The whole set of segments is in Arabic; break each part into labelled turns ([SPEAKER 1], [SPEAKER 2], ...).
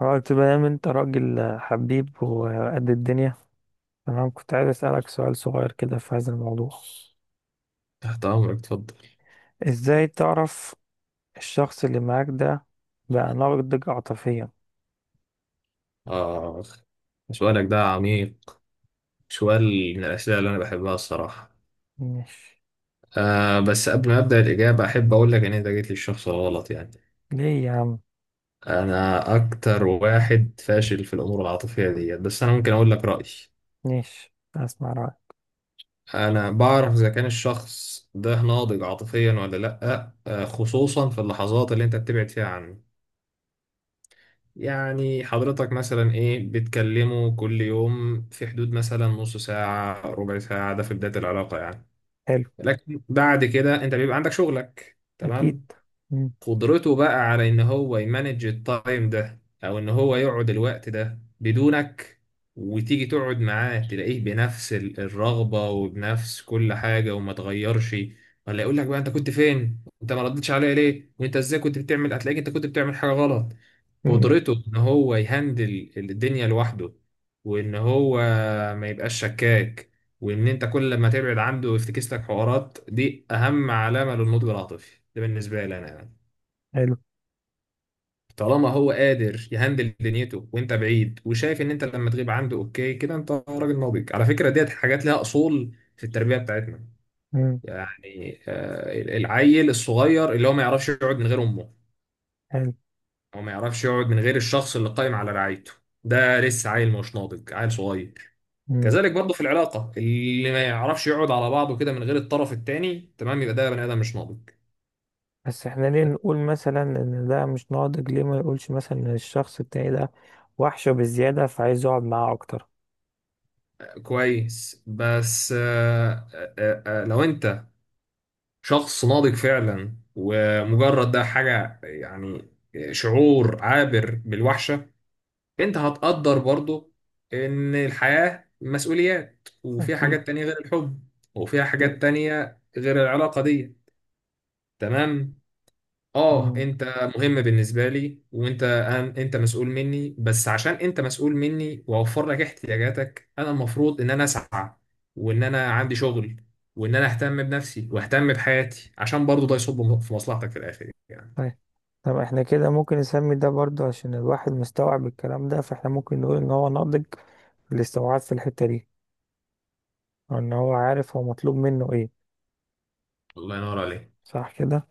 [SPEAKER 1] اه، تمام انت راجل حبيب وقد الدنيا. تمام، كنت عايز اسألك سؤال صغير كده في هذا الموضوع.
[SPEAKER 2] تحت أمرك، اتفضل.
[SPEAKER 1] ازاي تعرف الشخص اللي معاك ده بقى ناضج عاطفيا؟
[SPEAKER 2] آخ، سؤالك ده عميق. سؤال من الأسئلة اللي أنا بحبها الصراحة.
[SPEAKER 1] مش...
[SPEAKER 2] آه، بس قبل ما أبدأ الإجابة أحب أقول لك إن أنت جيت للشخص الغلط يعني.
[SPEAKER 1] ليه يا عم؟
[SPEAKER 2] أنا أكتر واحد فاشل في الأمور العاطفية ديت، بس أنا ممكن أقول لك رأيي.
[SPEAKER 1] مش، اسمع رأيك.
[SPEAKER 2] أنا بعرف إذا كان الشخص ده ناضج عاطفيا ولا لأ، خصوصا في اللحظات اللي أنت بتبعد فيها عنه. يعني حضرتك مثلا ايه، بتكلمه كل يوم في حدود مثلا نص ساعة ربع ساعة، ده في بداية العلاقة يعني.
[SPEAKER 1] حلو.
[SPEAKER 2] لكن بعد كده انت بيبقى عندك شغلك،
[SPEAKER 1] اكيد.
[SPEAKER 2] تمام.
[SPEAKER 1] مم.
[SPEAKER 2] قدرته بقى على ان هو يمانج التايم ده او ان هو يقعد الوقت ده بدونك، وتيجي تقعد معاه تلاقيه بنفس الرغبة وبنفس كل حاجة وما تغيرش، ولا يقول لك بقى انت كنت فين، انت ما ردتش عليا ليه، وانت ازاي كنت بتعمل، هتلاقيك انت كنت بتعمل حاجة غلط.
[SPEAKER 1] مم.
[SPEAKER 2] قدرته ان هو يهندل الدنيا لوحده وان هو ما يبقاش شكاك، وان انت كل ما تبعد عنده ويفتكس لك حوارات، دي اهم علامة للنضج العاطفي ده بالنسبة لي انا يعني.
[SPEAKER 1] حلو.
[SPEAKER 2] طالما هو قادر يهندل دنيته وانت بعيد وشايف ان انت لما تغيب عنده اوكي كده، انت راجل ناضج. على فكرة ديت حاجات لها اصول في التربية بتاعتنا،
[SPEAKER 1] مم.
[SPEAKER 2] يعني العيل الصغير اللي هو ما يعرفش يقعد من غير امه،
[SPEAKER 1] حلو.
[SPEAKER 2] هو ما يعرفش يقعد من غير الشخص اللي قائم على رعايته، ده لسه عيل مش ناضج، عيل صغير. كذلك برضه في العلاقة اللي ما يعرفش يقعد على بعضه كده من غير الطرف التاني، تمام، يبقى ده بني آدم مش ناضج.
[SPEAKER 1] بس احنا ليه نقول مثلا ان ده مش ناضج؟ ليه ما يقولش مثلا ان الشخص التاني ده وحشه بزيادة فعايز يقعد معاه اكتر؟
[SPEAKER 2] كويس. بس لو انت شخص ناضج فعلا ومجرد ده حاجة يعني شعور عابر بالوحشة، انت هتقدر برضه ان الحياة مسؤوليات وفيها
[SPEAKER 1] اكيد.
[SPEAKER 2] حاجات تانية غير الحب، وفيها حاجات
[SPEAKER 1] اكيد.
[SPEAKER 2] تانية غير العلاقة دي. تمام. اه
[SPEAKER 1] مم.
[SPEAKER 2] انت مهم بالنسبه لي، وانت انت مسؤول مني، بس عشان انت مسؤول مني واوفر لك احتياجاتك انا المفروض ان انا اسعى وان انا عندي شغل وان انا اهتم بنفسي واهتم بحياتي، عشان برضو ده يصب في مصلحتك في الاخر يعني.
[SPEAKER 1] طيب. طب احنا كده ممكن نسمي ده برضه، عشان الواحد مستوعب الكلام ده، فاحنا ممكن نقول ان هو ناضج في الاستوعاب في الحتة دي، او ان هو عارف هو مطلوب منه ايه.
[SPEAKER 2] الله ينور عليك.
[SPEAKER 1] صح كده؟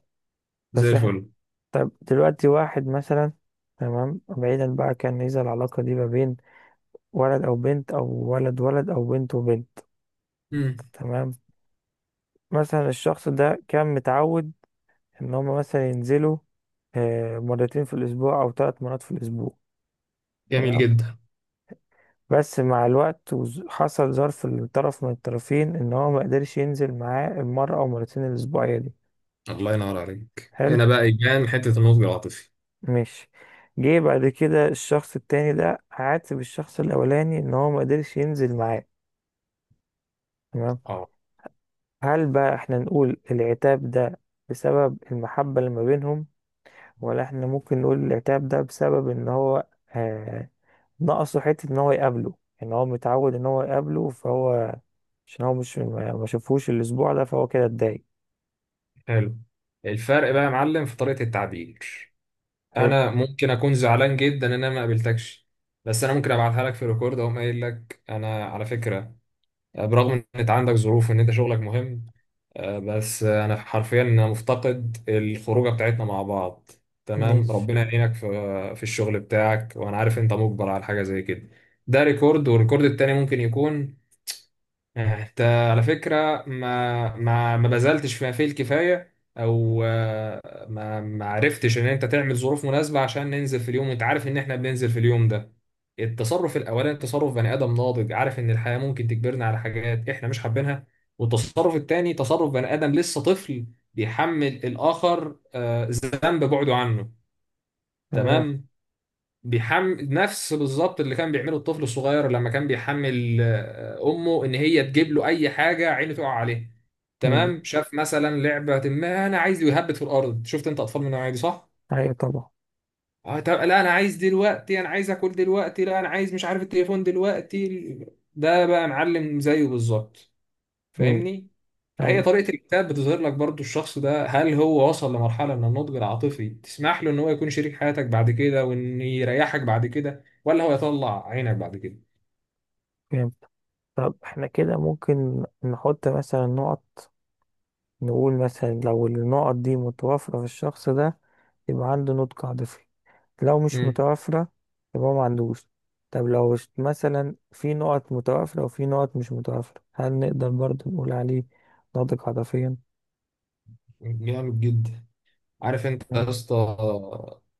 [SPEAKER 2] زي
[SPEAKER 1] بس احنا...
[SPEAKER 2] الفل.
[SPEAKER 1] طب دلوقتي واحد مثلا... تمام، بعيدا بقى، كان إذا العلاقة دي ما بين ولد أو بنت أو ولد ولد أو بنت وبنت.
[SPEAKER 2] امم.
[SPEAKER 1] تمام. مثلا الشخص ده كان متعود إن هما مثلا ينزلوا مرتين في الأسبوع أو 3 مرات في الأسبوع.
[SPEAKER 2] جميل
[SPEAKER 1] تمام.
[SPEAKER 2] جدا.
[SPEAKER 1] بس مع الوقت حصل ظرف لطرف من الطرفين إن هو ما قدرش ينزل معاه المرة أو مرتين الأسبوعية دي.
[SPEAKER 2] الله ينور عليك،
[SPEAKER 1] حلو.
[SPEAKER 2] هنا بقى يبان حته النضج العاطفي.
[SPEAKER 1] ماشي. جه بعد كده الشخص التاني ده عاتب الشخص الأولاني إن هو ما قدرش ينزل معاه. تمام،
[SPEAKER 2] اه،
[SPEAKER 1] هل بقى احنا نقول العتاب ده بسبب المحبة اللي ما بينهم، ولا احنا ممكن نقول العتاب ده بسبب ان هو آه ناقصه حتة ان هو يقابله، ان هو متعود ان هو يقابله، فهو عشان هو مش ما شافهوش الاسبوع ده فهو كده اتضايق.
[SPEAKER 2] حلو. الفرق بقى يا معلم في طريقه التعبير.
[SPEAKER 1] حلو.
[SPEAKER 2] انا ممكن اكون زعلان جدا ان انا ما قابلتكش، بس انا ممكن ابعتها لك في ريكورد، اقوم قايل لك: انا على فكره، برغم ان انت عندك ظروف وان انت شغلك مهم، آه، بس آه، انا حرفيا انا مفتقد الخروجه بتاعتنا مع بعض. تمام،
[SPEAKER 1] ماشي.
[SPEAKER 2] ربنا يعينك في في الشغل بتاعك وانا عارف انت مجبر على حاجه زي كده. ده ريكورد، والريكورد التاني ممكن يكون: انت على فكرة ما بذلتش فيه الكفاية، او ما عرفتش ان انت تعمل ظروف مناسبة عشان ننزل في اليوم وانت عارف ان احنا بننزل في اليوم ده. التصرف الاولاني تصرف بني ادم ناضج، عارف ان الحياة ممكن تجبرنا على حاجات احنا مش حابينها. والتصرف التاني تصرف بني ادم لسه طفل، بيحمل الاخر ذنب بعده عنه.
[SPEAKER 1] تمام.
[SPEAKER 2] تمام. بيحمل نفس بالظبط اللي كان بيعمله الطفل الصغير لما كان بيحمل امه ان هي تجيب له اي حاجه عينه تقع عليه.
[SPEAKER 1] مم.
[SPEAKER 2] تمام، شاف مثلا لعبه، ما انا عايز، يهبط في الارض. شفت انت اطفال من النوعيه دي؟ صح.
[SPEAKER 1] ايوه طبعا.
[SPEAKER 2] اه، طب لا انا عايز دلوقتي، انا عايز اكل دلوقتي، لا انا عايز مش عارف التليفون دلوقتي. ده بقى معلم زيه بالظبط.
[SPEAKER 1] مم.
[SPEAKER 2] فاهمني. فهي
[SPEAKER 1] ايوه.
[SPEAKER 2] طريقة الكتاب بتظهر لك برضو الشخص ده هل هو وصل لمرحلة من النضج العاطفي تسمح له ان هو يكون شريك حياتك بعد كده وان يريحك بعد كده، ولا هو يطلع عينك بعد كده.
[SPEAKER 1] فهمت. طب احنا كده ممكن نحط مثلا نقط، نقول مثلا لو النقط دي متوافرة في الشخص ده يبقى عنده نضج عاطفي، لو مش
[SPEAKER 2] امم.
[SPEAKER 1] متوافرة يبقى ما عندوش. طب لو مثلا في نقط متوافرة وفي نقط مش متوافرة، هل نقدر برضه نقول عليه ناضج عاطفيا؟
[SPEAKER 2] جامد جدا. عارف انت يا اسطى،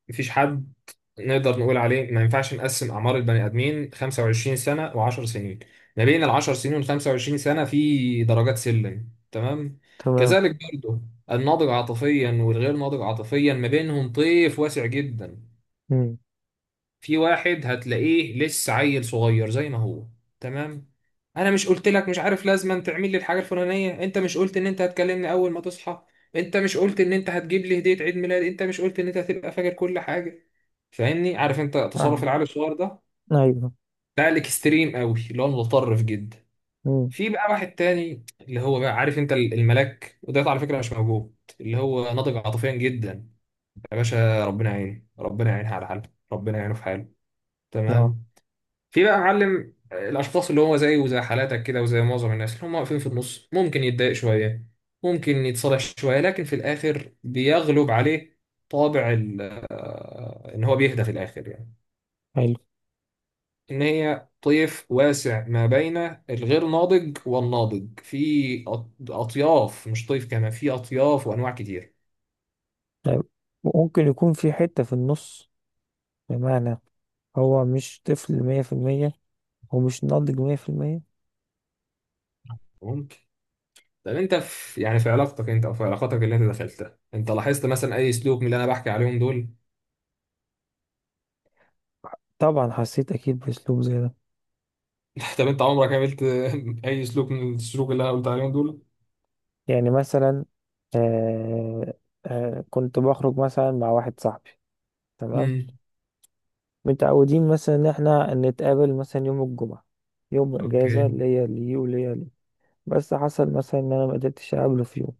[SPEAKER 2] مفيش حد نقدر نقول عليه. ما ينفعش نقسم اعمار البني ادمين 25 سنه و10 سنين، ما بين ال 10 سنين وال 25 سنه في درجات سلم، تمام.
[SPEAKER 1] تمام.
[SPEAKER 2] كذلك برضه الناضج عاطفيا والغير ناضج عاطفيا ما بينهم طيف واسع جدا.
[SPEAKER 1] امم.
[SPEAKER 2] في واحد هتلاقيه لسه عيل صغير زي ما هو، تمام. انا مش قلت لك مش عارف لازم تعمل لي الحاجه الفلانيه، انت مش قلت ان انت هتكلمني اول ما تصحى، انت مش قلت ان انت هتجيب لي هديه عيد ميلاد، انت مش قلت ان انت هتبقى فاكر كل حاجه. فاهمني، عارف انت تصرف
[SPEAKER 1] فاهم.
[SPEAKER 2] العيال الصغير ده.
[SPEAKER 1] ايوه.
[SPEAKER 2] ده الاكستريم قوي، اللي هو المتطرف جدا.
[SPEAKER 1] امم.
[SPEAKER 2] في بقى واحد تاني اللي هو بقى عارف انت الملاك، وده على فكره مش موجود، اللي هو ناضج عاطفيا جدا. يا باشا ربنا يعينه، ربنا يعينها على حاله، ربنا يعينه في حاله،
[SPEAKER 1] اه.
[SPEAKER 2] تمام. في بقى معلم الاشخاص اللي هو زيه وزي حالاتك كده وزي معظم الناس اللي هم واقفين في النص، ممكن يتضايق شويه، ممكن يتصالح شويه، لكن في الاخر بيغلب عليه طابع ان هو بيهدى في الاخر يعني.
[SPEAKER 1] حلو.
[SPEAKER 2] ان هي طيف واسع ما بين الغير ناضج والناضج، في اطياف، مش طيف، كمان في اطياف وانواع كتير.
[SPEAKER 1] طيب، ممكن يكون في حتة في النص، بمعنى هو مش طفل 100% ومش ناضج 100%.
[SPEAKER 2] ممكن. طب انت في يعني في علاقتك انت او في علاقاتك اللي انت دخلتها، انت لاحظت مثلا اي سلوك من اللي انا بحكي عليهم دول؟
[SPEAKER 1] طبعا حسيت أكيد بأسلوب زي ده.
[SPEAKER 2] طب انت عمرك عملت اي سلوك من السلوك اللي انا قلت عليهم دول؟
[SPEAKER 1] يعني مثلا آه كنت بخرج مثلا مع واحد صاحبي. تمام،
[SPEAKER 2] امم.
[SPEAKER 1] متعودين مثلا ان احنا نتقابل مثلا يوم الجمعة، يوم اجازة
[SPEAKER 2] اوكي.
[SPEAKER 1] ليا ليه وليا ليه. بس حصل مثلا ان انا ما قدرتش اقابله في يوم،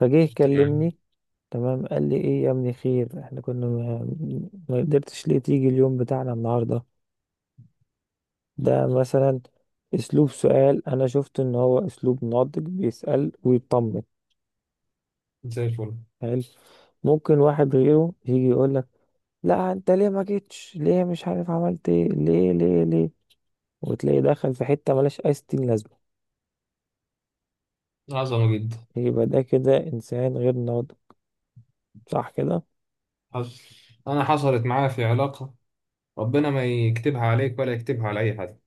[SPEAKER 1] فجه
[SPEAKER 2] تمام.
[SPEAKER 1] يكلمني. تمام، قال لي ايه يا ابني، خير، احنا كنا ما قدرتش ليه تيجي اليوم بتاعنا النهاردة؟ ده مثلا اسلوب سؤال، انا شفت ان هو اسلوب ناضج، بيسأل ويطمن.
[SPEAKER 2] زي الفل.
[SPEAKER 1] حلو. ممكن واحد غيره يجي يقول: لا انت ليه ما جيتش، ليه مش عارف عملت ايه، ليه ليه ليه، وتلاقي دخل في حتة ملهاش اي ستين لازمة.
[SPEAKER 2] عظمه جدا.
[SPEAKER 1] يبقى ده كده انسان غير ناضج، صح كده؟
[SPEAKER 2] حصل، انا حصلت معايا في علاقه، ربنا ما يكتبها عليك ولا يكتبها على اي حد.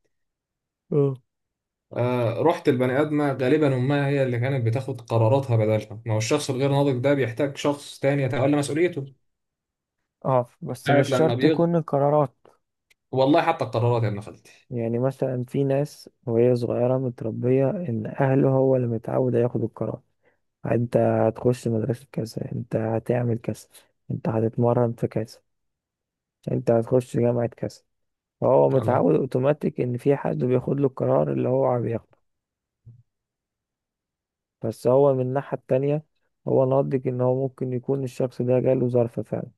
[SPEAKER 1] اه.
[SPEAKER 2] رحت البني ادمه غالبا امها هي اللي كانت بتاخد قراراتها بدلها، ما هو الشخص الغير ناضج ده بيحتاج شخص تاني يتولى مسؤوليته.
[SPEAKER 1] اه. بس
[SPEAKER 2] ساعة
[SPEAKER 1] مش
[SPEAKER 2] لما
[SPEAKER 1] شرط يكون القرارات.
[SPEAKER 2] والله حتى القرارات يا ابن خالتي.
[SPEAKER 1] يعني مثلا في ناس وهي صغيرة متربية ان اهله هو اللي متعود ياخد القرار: انت هتخش مدرسة كذا، انت هتعمل كذا، انت هتتمرن في كذا، انت هتخش جامعة كذا. فهو
[SPEAKER 2] عندك.
[SPEAKER 1] متعود اوتوماتيك ان في حد بياخد له القرار اللي هو بياخده. بس هو من الناحية التانية، هو نضج ان هو ممكن يكون الشخص ده جاله ظرف فعلا.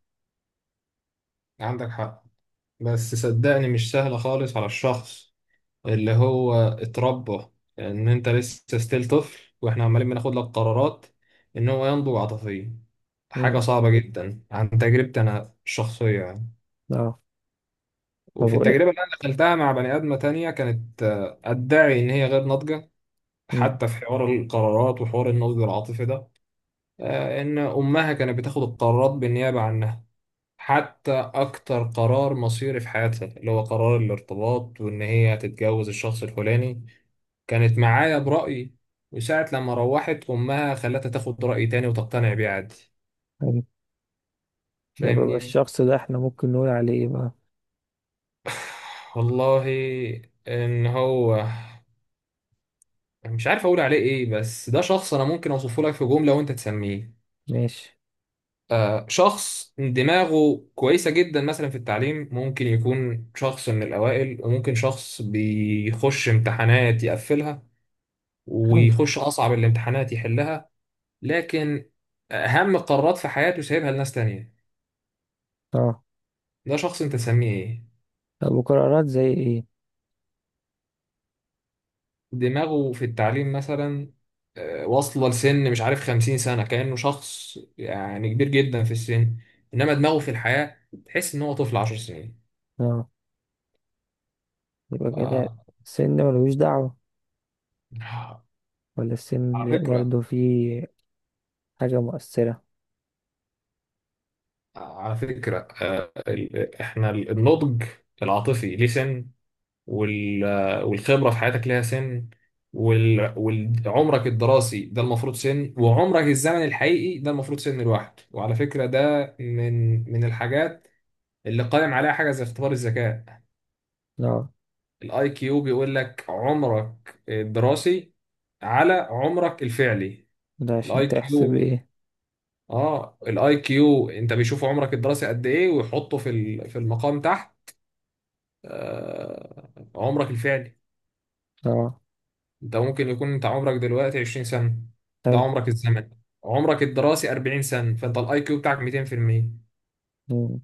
[SPEAKER 2] عندك حق، بس صدقني مش سهله خالص على الشخص اللي هو اتربى ان انت لسه ستيل طفل واحنا عمالين بناخد لك قرارات، ان هو ينضج عاطفيا.
[SPEAKER 1] مم.
[SPEAKER 2] حاجة صعبة جدا عن تجربتي انا الشخصية يعني.
[SPEAKER 1] اه. طب
[SPEAKER 2] وفي
[SPEAKER 1] وايه؟
[SPEAKER 2] التجربة اللي انا دخلتها مع بني ادمة تانية كانت ادعي ان هي غير ناضجة
[SPEAKER 1] مم.
[SPEAKER 2] حتى في حوار القرارات وحوار النضج العاطفي ده. ان امها كانت بتاخد القرارات بالنيابة عنها، حتى اكتر قرار مصيري في حياتها اللي هو قرار الارتباط وان هي هتتجوز الشخص الفلاني كانت معايا برأي، وساعة لما روحت أمها خلتها تاخد رأي تاني وتقتنع بيه عادي.
[SPEAKER 1] حلو. يبقى
[SPEAKER 2] فاهمني.
[SPEAKER 1] الشخص ده احنا ممكن نقول عليه ايه بقى؟
[SPEAKER 2] والله إن هو مش عارف أقول عليه إيه، بس ده شخص أنا ممكن أوصفه لك في جملة وأنت تسميه.
[SPEAKER 1] ماشي.
[SPEAKER 2] شخص دماغه كويسة جدا مثلا في التعليم، ممكن يكون شخص من الأوائل، وممكن شخص بيخش امتحانات يقفلها
[SPEAKER 1] حلو.
[SPEAKER 2] ويخش أصعب الامتحانات يحلها. لكن أهم قرارات في حياته سايبها لناس تانية.
[SPEAKER 1] اه.
[SPEAKER 2] ده شخص انت تسميه ايه؟
[SPEAKER 1] طب وقرارات زي ايه؟
[SPEAKER 2] دماغه في التعليم مثلا واصلة لسن مش عارف 50 سنة كأنه شخص يعني كبير جدا في السن. إنما دماغه في الحياة تحس إن هو طفل 10 سنين.
[SPEAKER 1] اه. يبقى كده
[SPEAKER 2] آه،
[SPEAKER 1] السن ملوش دعوة، ولا السن
[SPEAKER 2] على
[SPEAKER 1] ليه
[SPEAKER 2] فكرة.
[SPEAKER 1] برضه فيه حاجة مؤثرة؟
[SPEAKER 2] على فكرة إحنا النضج العاطفي ليه سن، وال- آه، والخبرة في حياتك ليها سن، وال- وعمرك الدراسي ده المفروض سن، وعمرك الزمن الحقيقي ده المفروض سن الواحد. وعلى فكرة ده من الحاجات اللي قائم عليها حاجه زي اختبار الذكاء.
[SPEAKER 1] اه.
[SPEAKER 2] الاي كيو بيقول لك عمرك الدراسي على عمرك الفعلي.
[SPEAKER 1] ده
[SPEAKER 2] الاي
[SPEAKER 1] عشان تحسب
[SPEAKER 2] كيو.
[SPEAKER 1] ايه؟
[SPEAKER 2] اه، الاي كيو انت بيشوف عمرك الدراسي قد ايه ويحطه في في المقام تحت عمرك الفعلي.
[SPEAKER 1] اه.
[SPEAKER 2] انت ممكن يكون انت عمرك دلوقتي 20 سنه، ده
[SPEAKER 1] حلو.
[SPEAKER 2] عمرك الزمني، عمرك الدراسي 40 سنه، فانت الاي كيو بتاعك 200%.
[SPEAKER 1] مم.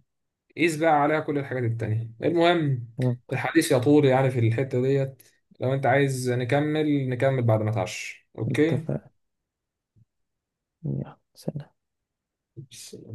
[SPEAKER 2] قيس بقى عليها كل الحاجات التانية. المهم،
[SPEAKER 1] منطق.
[SPEAKER 2] الحديث يطول يعني في الحتة ديت، لو انت عايز نكمل نكمل بعد ما تعش، اوكي.
[SPEAKER 1] اتفق. يلا، سلام.